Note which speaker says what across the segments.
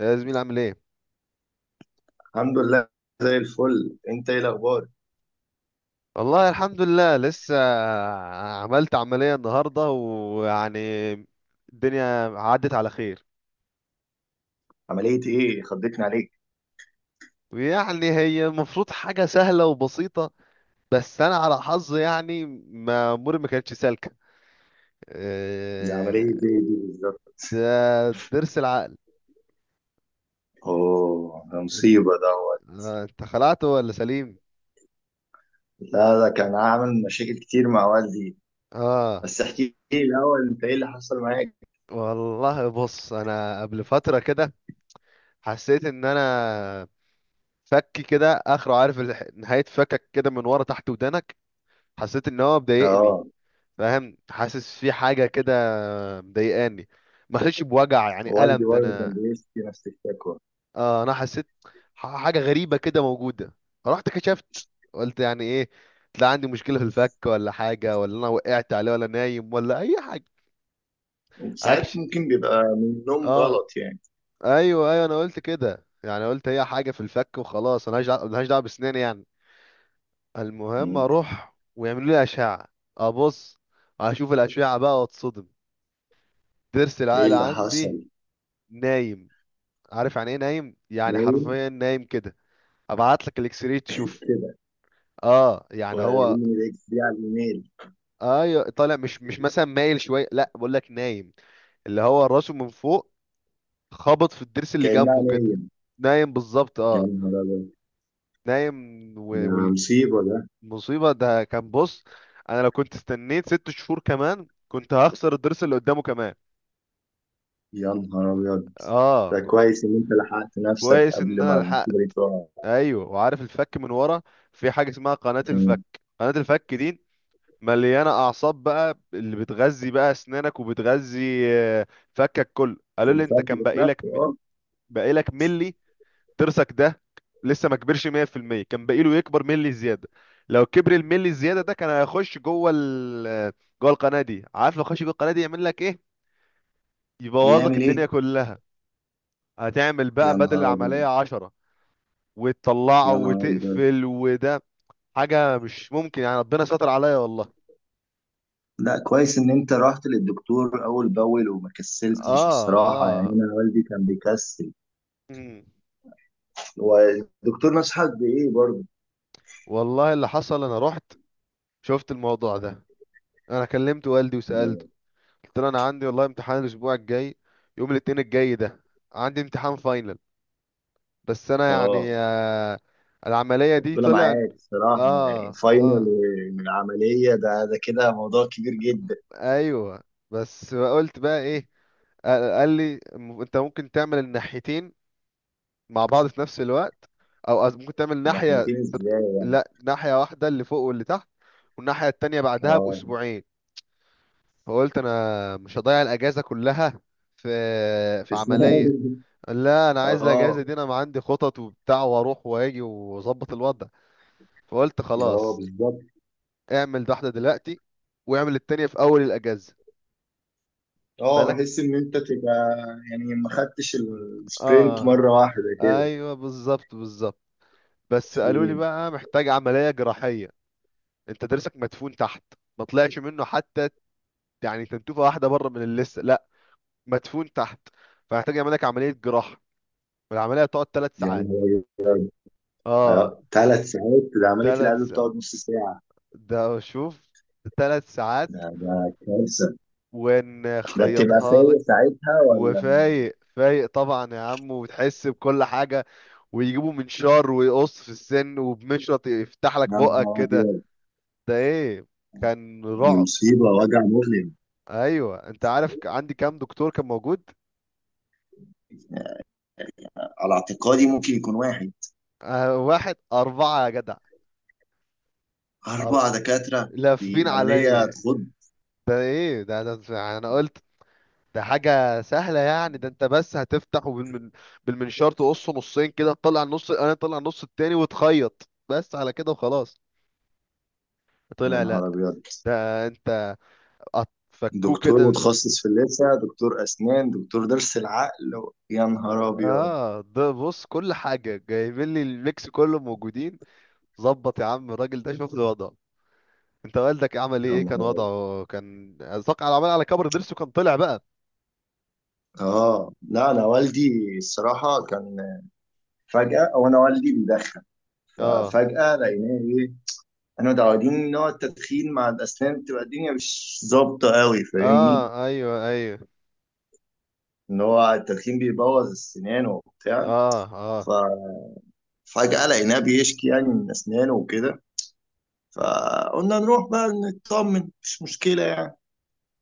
Speaker 1: يا زميل، عامل ايه؟
Speaker 2: الحمد لله. زي الفل، انت ايه الاخبار؟
Speaker 1: والله الحمد لله لسه عملت عملية النهاردة، ويعني الدنيا عدت على خير.
Speaker 2: عمليه ايه خضتني عليك؟
Speaker 1: ويعني هي المفروض حاجة سهلة وبسيطة، بس أنا على حظي يعني ما أموري ما كانتش سالكة.
Speaker 2: دي عمليه ايه دي
Speaker 1: إيه،
Speaker 2: بالظبط؟
Speaker 1: ده ضرس العقل.
Speaker 2: اوه، ده
Speaker 1: انت
Speaker 2: مصيبه دوت.
Speaker 1: أنت خلعته ولا سليم؟
Speaker 2: لا، ده كان عامل مشاكل كتير مع والدي.
Speaker 1: اه.
Speaker 2: بس احكي لي الاول، انت ايه اللي حصل معاك؟
Speaker 1: والله بص، انا قبل فترة كده حسيت ان انا فكي كده اخره، عارف؟ نهاية فكك كده من ورا تحت ودانك. حسيت ان هو مضايقني،
Speaker 2: اه.
Speaker 1: فاهم؟ حاسس في حاجه كده مضايقاني. ما حسيتش بوجع، يعني
Speaker 2: والدي
Speaker 1: الم ده
Speaker 2: برضه كان
Speaker 1: انا.
Speaker 2: بيشتكي نفس الشكوى.
Speaker 1: اه انا حسيت حاجه غريبه كده موجوده. رحت كشفت، قلت يعني ايه؟ طلع عندي مشكله في الفك، ولا حاجه، ولا انا وقعت عليه، ولا نايم، ولا اي حاجه.
Speaker 2: وساعات
Speaker 1: اكشي.
Speaker 2: ممكن بيبقى من النوم
Speaker 1: اه
Speaker 2: غلط يعني.
Speaker 1: ايوه ايوه، انا قلت كده يعني، قلت هي حاجه في الفك وخلاص، انا ملهاش دعوه، ملهاش دعوة بسناني يعني. المهم
Speaker 2: مم.
Speaker 1: اروح ويعملوا لي اشعه. ابص، اشوف الاشعه بقى، واتصدم. ضرس
Speaker 2: ايه
Speaker 1: العقل
Speaker 2: اللي
Speaker 1: عندي
Speaker 2: حصل؟
Speaker 1: نايم. عارف يعني ايه نايم؟ يعني
Speaker 2: نايم
Speaker 1: حرفيا نايم كده. ابعت لك الاكس راي تشوف.
Speaker 2: كده.
Speaker 1: اه يعني هو،
Speaker 2: وريني الاكس دي على الايميل.
Speaker 1: ايوه طالع مش مثلا مايل شويه، لا بقول لك نايم. اللي هو راسه من فوق، خبط في الضرس اللي
Speaker 2: كانها
Speaker 1: جنبه كده.
Speaker 2: نايم.
Speaker 1: نايم بالظبط،
Speaker 2: يا
Speaker 1: اه.
Speaker 2: نهار ابيض.
Speaker 1: نايم.
Speaker 2: ده
Speaker 1: و-
Speaker 2: مصيبه ده.
Speaker 1: والمصيبه ده كان، بص، انا لو كنت استنيت 6 شهور كمان، كنت هخسر الضرس اللي قدامه كمان.
Speaker 2: يا نهار أبيض.
Speaker 1: اه
Speaker 2: ده كويس إن أنت لحقت نفسك
Speaker 1: كويس ان
Speaker 2: قبل ما
Speaker 1: انا لحقت.
Speaker 2: الكوبري يقع.
Speaker 1: ايوه، وعارف الفك من ورا؟ في حاجه اسمها قناه الفك.
Speaker 2: مم.
Speaker 1: قناه الفك دي مليانه اعصاب بقى، اللي بتغذي بقى اسنانك، وبتغذي فكك كله. قالوا لي انت
Speaker 2: الفرق
Speaker 1: كان
Speaker 2: ذات
Speaker 1: باقي لك،
Speaker 2: نفسه أه.
Speaker 1: باقي لك ملي. ضرسك ده لسه ما كبرش 100%، كان باقي له يكبر ملي زياده. لو كبر الملي الزياده ده كان هيخش جوه ال جوه القناه دي، عارف؟ لو خش جوه القناه دي يعمل لك ايه؟ يبوظ لك
Speaker 2: يعمل
Speaker 1: الدنيا
Speaker 2: إيه؟
Speaker 1: كلها. هتعمل بقى
Speaker 2: يا
Speaker 1: بدل
Speaker 2: نهار أبيض.
Speaker 1: العمليه 10، وتطلعه
Speaker 2: يا نهار أبيض.
Speaker 1: وتقفل، وده حاجة مش ممكن يعني. ربنا ستر عليا، والله.
Speaker 2: لا، كويس إن أنت رحت للدكتور أول بأول وما كسلتش
Speaker 1: اه
Speaker 2: الصراحة، يعني
Speaker 1: اه.
Speaker 2: أنا والدي كان بيكسل.
Speaker 1: مم.
Speaker 2: والدكتور نصحك بإيه برضه؟
Speaker 1: والله اللي حصل، انا رحت شفت الموضوع ده، انا كلمت والدي وسألته، قلت له انا عندي والله امتحان الاسبوع الجاي، يوم الاثنين الجاي ده عندي امتحان فاينل، بس انا
Speaker 2: اه.
Speaker 1: يعني العملية دي
Speaker 2: ربنا
Speaker 1: طلع.
Speaker 2: معاك الصراحة، يعني
Speaker 1: اه
Speaker 2: فاينل.
Speaker 1: اه
Speaker 2: من العملية ده كده موضوع كبير جدا.
Speaker 1: ايوه. بس قلت بقى ايه؟ قال لي انت ممكن تعمل الناحيتين مع بعض في نفس الوقت، او ممكن تعمل ناحية.
Speaker 2: ناحيتين ازاي يعني؟
Speaker 1: لا، ناحية واحدة اللي فوق واللي تحت، والناحية التانية بعدها
Speaker 2: اه.
Speaker 1: بأسبوعين. فقلت أنا مش هضيع الأجازة كلها في في
Speaker 2: في
Speaker 1: عملية.
Speaker 2: سنين.
Speaker 1: لا أنا عايز
Speaker 2: اه.
Speaker 1: الأجازة دي، أنا ما عندي خطط وبتاع، وأروح وأجي وأظبط الوضع. فقلت
Speaker 2: اه
Speaker 1: خلاص،
Speaker 2: بالظبط.
Speaker 1: اعمل واحدة دلوقتي، واعمل التانية في أول الأجازة.
Speaker 2: اه
Speaker 1: بالك.
Speaker 2: بحس ان انت تبقى، يعني ما خدتش السبرنت
Speaker 1: آه
Speaker 2: مره واحده كده.
Speaker 1: أيوه بالظبط بالظبط. بس قالوا لي
Speaker 2: مم.
Speaker 1: بقى محتاج عملية جراحية، انت درسك مدفون تحت، ما طلعش منه حتى، يعني تنتوفه واحده بره من اللسه، لا، مدفون تحت. فهحتاج يعمل لك عمليه جراحه، والعمليه هتقعد ثلاث
Speaker 2: يعني
Speaker 1: ساعات
Speaker 2: هو
Speaker 1: اه.
Speaker 2: 3 ساعات؟ ده عمليه
Speaker 1: ثلاث
Speaker 2: القلب
Speaker 1: ساعات
Speaker 2: بتقعد نص ساعه.
Speaker 1: ده، شوف، 3 ساعات.
Speaker 2: ده كارثه. ده بتبقى
Speaker 1: ونخيطها
Speaker 2: فايق
Speaker 1: لك.
Speaker 2: ساعتها ولا؟
Speaker 1: وفايق، فايق طبعا يا عم، وتحس بكل حاجه، ويجيبوا منشار ويقص في السن، وبمشرط يفتح لك
Speaker 2: يا
Speaker 1: بقك
Speaker 2: نهار
Speaker 1: كده.
Speaker 2: ابيض.
Speaker 1: ده ايه، كان
Speaker 2: دي
Speaker 1: رعب.
Speaker 2: مصيبه، وجع مؤلم.
Speaker 1: ايوه، انت عارف عندي كام دكتور كان موجود؟
Speaker 2: على اعتقادي ممكن يكون واحد.
Speaker 1: واحد 4 يا جدع. أر...
Speaker 2: 4 دكاتره؟ دي
Speaker 1: لافين
Speaker 2: عمليه
Speaker 1: عليا.
Speaker 2: تخض.
Speaker 1: ده ايه ده؟ ده انا قلت ده حاجة سهلة يعني، ده انت بس هتفتح بالمنشار تقصه نصين كده، تطلع النص انا، طلع النص التاني، وتخيط بس على كده وخلاص.
Speaker 2: يا
Speaker 1: طلع لا.
Speaker 2: نهار ابيض.
Speaker 1: ده انت فكوه
Speaker 2: دكتور
Speaker 1: كده
Speaker 2: متخصص في اللثه، دكتور اسنان، دكتور ضرس العقل. يا نهار ابيض.
Speaker 1: اه ده بص، كل حاجة جايبين لي الميكس كله موجودين. ظبط يا عم الراجل ده، شوف لي وضعه. انت والدك عمل
Speaker 2: يا
Speaker 1: ايه؟ ايه كان
Speaker 2: نهار.
Speaker 1: وضعه؟ كان ساق على عمل، على كبر ضرسه كان طلع بقى؟
Speaker 2: اه، لا انا والدي الصراحه كان، فجاه، او انا والدي بيدخن.
Speaker 1: اه
Speaker 2: ففجاه لقيناه ايه؟ احنا متعودين ان هو التدخين مع الاسنان بتبقى الدنيا مش ظابطه قوي، فاهمني؟
Speaker 1: اه ايوه ايوه.
Speaker 2: ان هو التدخين بيبوظ السنان وبتاع.
Speaker 1: اه اه.
Speaker 2: ففجاه لقيناه بيشكي يعني من اسنانه وكده.
Speaker 1: م.
Speaker 2: فقلنا نروح بقى نطمن مش مشكله يعني.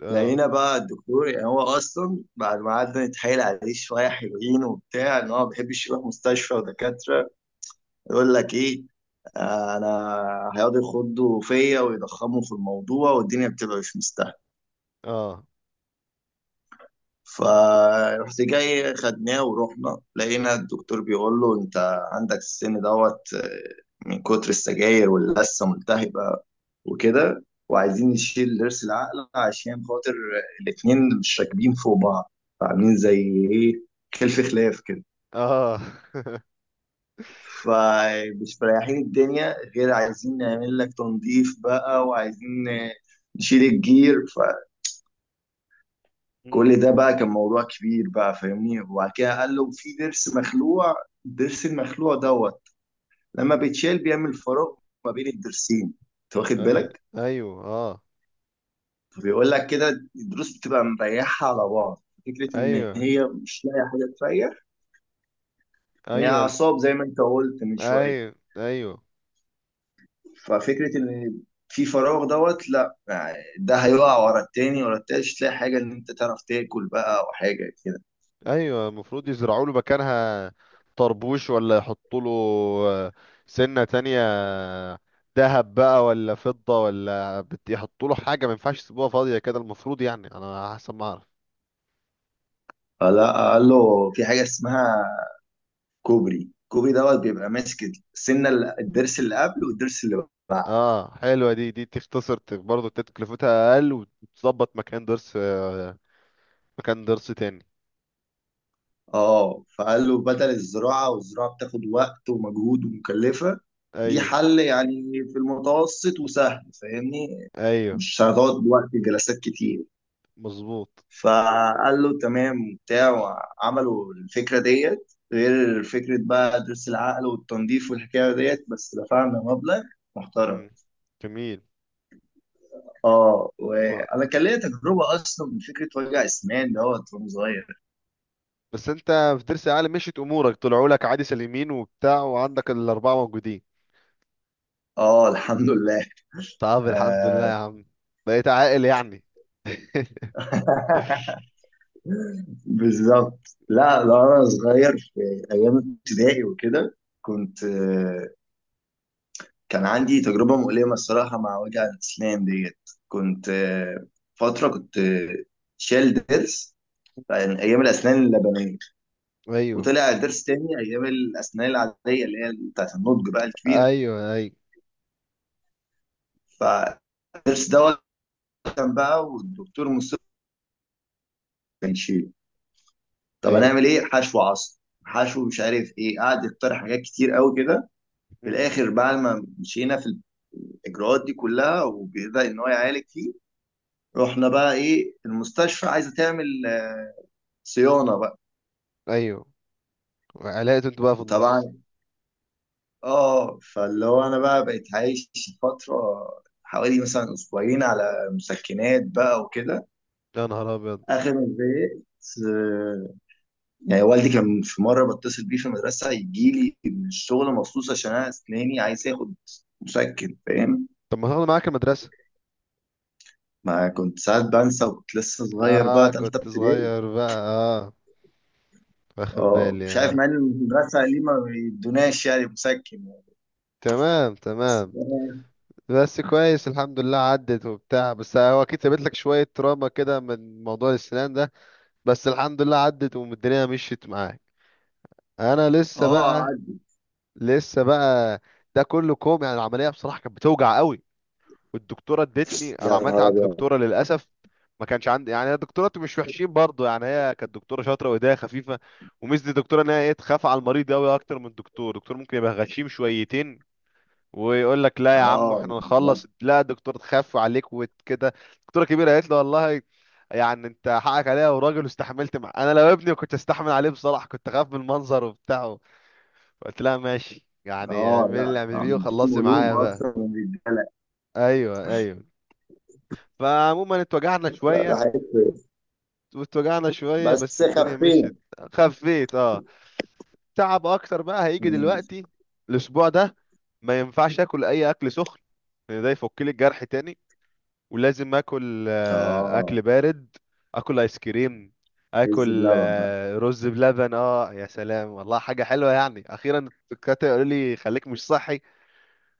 Speaker 1: اه
Speaker 2: لقينا بقى الدكتور، يعني هو اصلا بعد ما قعدنا نتحايل عليه شويه حلوين وبتاع ان هو ما بيحبش يروح مستشفى ودكاتره. يقول لك ايه؟ انا هيقعدوا يخضوا فيا ويضخموا في الموضوع والدنيا بتبقى مش مستاهله.
Speaker 1: اه
Speaker 2: فرحت جاي خدناه ورحنا لقينا الدكتور بيقول له: انت عندك السن دوت من كتر السجاير واللثه ملتهبه وكده، وعايزين نشيل ضرس العقل عشان خاطر الاتنين مش راكبين فوق بعض، فعاملين زي ايه كلف خلاف كده.
Speaker 1: اه.
Speaker 2: فمش مريحين الدنيا، غير عايزين نعمل لك تنظيف بقى وعايزين نشيل الجير.
Speaker 1: مم.
Speaker 2: فكل ده بقى كان موضوع كبير بقى فاهمني. وبعد كده قال له في ضرس مخلوع. الضرس المخلوع دوت لما بيتشال بيعمل فراغ ما بين الضرسين، انت واخد
Speaker 1: ايوه
Speaker 2: بالك؟
Speaker 1: ايوه اه.
Speaker 2: فبيقول لك كده الضروس بتبقى مريحة على بعض، فكرة إن
Speaker 1: ايوه
Speaker 2: هي مش لاقية حاجة تريح، إن هي
Speaker 1: ايوه
Speaker 2: أعصاب زي ما أنت قلت من شوية.
Speaker 1: ايوه ايوه
Speaker 2: ففكرة إن في فراغ دوت، لا يعني ده هيقع ورا التاني ورا التالت، مش تلاقي حاجة إن أنت تعرف تاكل بقى أو حاجة كده.
Speaker 1: ايوه، المفروض يزرعوا له مكانها طربوش، ولا يحطوا له آه، سنة تانية، ذهب بقى، ولا فضة، ولا يحطوا له حاجة، ما ينفعش يسيبوها فاضية كده، المفروض يعني، انا حسب ما اعرف.
Speaker 2: فلا، قال له في حاجة اسمها كوبري. الكوبري دوت بيبقى ماسك السنة الضرس اللي قبل والضرس اللي بعد.
Speaker 1: اه حلوة دي، دي تختصر برضه، تكلفتها اقل، وتظبط مكان ضرس، مكان درس تاني.
Speaker 2: اه. فقال له بدل الزراعة، والزراعة بتاخد وقت ومجهود ومكلفة. دي
Speaker 1: ايوه
Speaker 2: حل يعني في المتوسط وسهل فاهمني.
Speaker 1: ايوه.
Speaker 2: مش هتقعد وقت جلسات كتير.
Speaker 1: مظبوط.
Speaker 2: فقال له تمام وبتاع، وعملوا الفكرة ديت غير فكرة بقى درس العقل والتنظيف والحكاية ديت، بس دفعنا مبلغ محترم.
Speaker 1: امم. جميل.
Speaker 2: اه،
Speaker 1: و...
Speaker 2: وانا كان ليا تجربة اصلا من فكرة وجع اسنان دوت وانا صغير.
Speaker 1: بس انت في درس عالي مشيت امورك، طلعوا لك عادي سليمين وبتاع، وعندك الاربعه موجودين.
Speaker 2: اه الحمد لله.
Speaker 1: طب الحمد لله يا
Speaker 2: آه.
Speaker 1: عم، بقيت عاقل يعني.
Speaker 2: بالظبط. لا لا، انا صغير في ايام ابتدائي وكده. كنت. كان عندي تجربة مؤلمة الصراحة مع وجع الأسنان ديت. كنت فترة كنت شايل ضرس عن أيام الأسنان اللبنية.
Speaker 1: ايوه
Speaker 2: وطلع الضرس تاني أيام الأسنان العادية اللي هي بتاعت النضج بقى الكبيرة.
Speaker 1: ايوه ايوه
Speaker 2: فالضرس دوت كان بقى والدكتور مصطفى كان يشيله. طب
Speaker 1: ايوه.
Speaker 2: هنعمل إيه؟ حشو عصب، حشو مش عارف إيه، قعد يقترح حاجات كتير قوي كده. في
Speaker 1: امم.
Speaker 2: الآخر بعد ما مشينا في الإجراءات دي كلها وبدأ إن هو يعالج فيه، رحنا بقى إيه المستشفى عايزة تعمل صيانة بقى.
Speaker 1: ايوه. علاقة انتوا بقى في النص.
Speaker 2: وطبعا اه، فاللي هو انا بقى بقيت عايش فترة حوالي مثلا اسبوعين على مسكنات بقى وكده.
Speaker 1: يا نهار ابيض.
Speaker 2: اخر ما زهقت آه، يعني والدي كان في مرة بتصل بيه في المدرسة يجي لي من الشغل مخصوص عشان انا اسناني عايز اخد مسكن، فاهم.
Speaker 1: طب ما تاخد معاك المدرسه.
Speaker 2: ما كنت ساعات بنسى وكنت لسه صغير
Speaker 1: اه
Speaker 2: بقى تالتة
Speaker 1: كنت
Speaker 2: ابتدائي.
Speaker 1: صغير بقى، اه، واخد
Speaker 2: اه،
Speaker 1: بالي،
Speaker 2: مش عارف
Speaker 1: اه.
Speaker 2: مع ان المدرسة ليه ما بيدوناش يعني مسكن.
Speaker 1: تمام
Speaker 2: بس.
Speaker 1: تمام. بس كويس الحمد لله عدت وبتاع، بس هو اكيد سابت لك شويه تراما كده من موضوع الاسنان ده. بس الحمد لله عدت، والدنيا مشيت معاك. انا لسه
Speaker 2: اه
Speaker 1: بقى،
Speaker 2: قعد.
Speaker 1: لسه بقى، ده كله كوم يعني. العمليه بصراحه كانت بتوجع قوي، والدكتوره ادتني، انا
Speaker 2: يا
Speaker 1: عملت
Speaker 2: نهار
Speaker 1: عند
Speaker 2: ابيض.
Speaker 1: دكتوره للاسف. ما كانش عندي يعني. الدكتورات مش وحشين برضو، يعني هي كانت دكتوره شاطره وايديها خفيفه. وميزه الدكتوره ان هي ايه، تخاف على المريض قوي اكتر من الدكتور. الدكتور ممكن يبقى غشيم شويتين، ويقول لك لا يا عم
Speaker 2: اه
Speaker 1: احنا نخلص. لا الدكتور تخاف عليك وكده. الدكتوره الكبيره قالت له والله يعني انت حقك عليها، وراجل واستحملت، مع انا لو ابني كنت استحمل عليه، بصراحه كنت اخاف من المنظر وبتاعه. قلت لها ماشي يعني،
Speaker 2: اه.
Speaker 1: اعملي اللي
Speaker 2: لا،
Speaker 1: اعملي بيه
Speaker 2: عندهم
Speaker 1: وخلصي معايا
Speaker 2: قلوب
Speaker 1: بقى.
Speaker 2: اكتر من الرجاله.
Speaker 1: ايوه ايوه. فعموما اتوجعنا
Speaker 2: لا ده
Speaker 1: شويه،
Speaker 2: حقيقي.
Speaker 1: واتوجعنا شويه، بس
Speaker 2: بس
Speaker 1: الدنيا
Speaker 2: خفينا.
Speaker 1: مشيت. خفيت، اه. تعب اكتر بقى هيجي
Speaker 2: مم.
Speaker 1: دلوقتي الاسبوع ده. ما ينفعش اكل اي اكل سخن، لأن ده يفك لي الجرح تاني، ولازم اكل
Speaker 2: اه.
Speaker 1: اكل بارد، اكل ايس كريم،
Speaker 2: عز
Speaker 1: اكل
Speaker 2: بلبن بقى.
Speaker 1: رز بلبن. اه يا سلام، والله حاجه حلوه يعني، اخيرا الدكاتره يقولوا لي خليك مش صحي،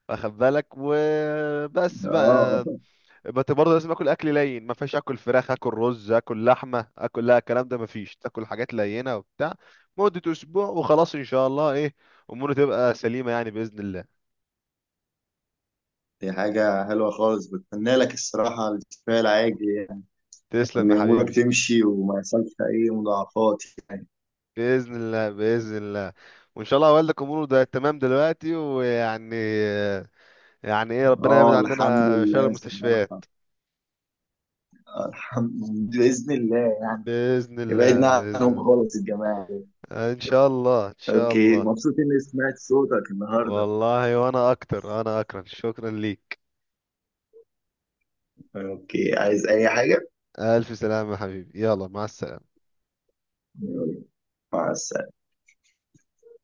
Speaker 1: واخد بالك؟ وبس بقى.
Speaker 2: اه.
Speaker 1: بس برضه لازم اكل اكل لين، ما فيش اكل فراخ، اكل رز، اكل لحمه، اكل، لا الكلام ده ما فيش، تاكل حاجات لينه وبتاع مده اسبوع، وخلاص ان شاء الله ايه اموره تبقى سليمه يعني باذن الله.
Speaker 2: دي حاجة حلوة خالص، بتمنى لك الصراحة الكفاية العاجل يعني. وإن
Speaker 1: تسلم يا
Speaker 2: أمورك
Speaker 1: حبيبي.
Speaker 2: تمشي وما يحصلش أي مضاعفات يعني.
Speaker 1: بإذن الله بإذن الله. وإن شاء الله والدك أموره ده تمام دلوقتي، ويعني يعني إيه، ربنا يبعد
Speaker 2: اه الحمد
Speaker 1: عننا شر
Speaker 2: لله الصراحة.
Speaker 1: المستشفيات.
Speaker 2: الحمد. بإذن الله يعني.
Speaker 1: بإذن الله
Speaker 2: ابعدنا
Speaker 1: بإذن
Speaker 2: عنهم خالص الجماعة دول.
Speaker 1: الله. إن شاء الله إن شاء
Speaker 2: اوكي،
Speaker 1: الله.
Speaker 2: مبسوط إني سمعت صوتك النهاردة.
Speaker 1: والله وأنا أكتر، أنا أكرم، شكرا ليك.
Speaker 2: اوكي، عايز أي حاجة؟
Speaker 1: ألف سلامة يا حبيبي، يلا مع السلامة.
Speaker 2: يلا، مع السلامة.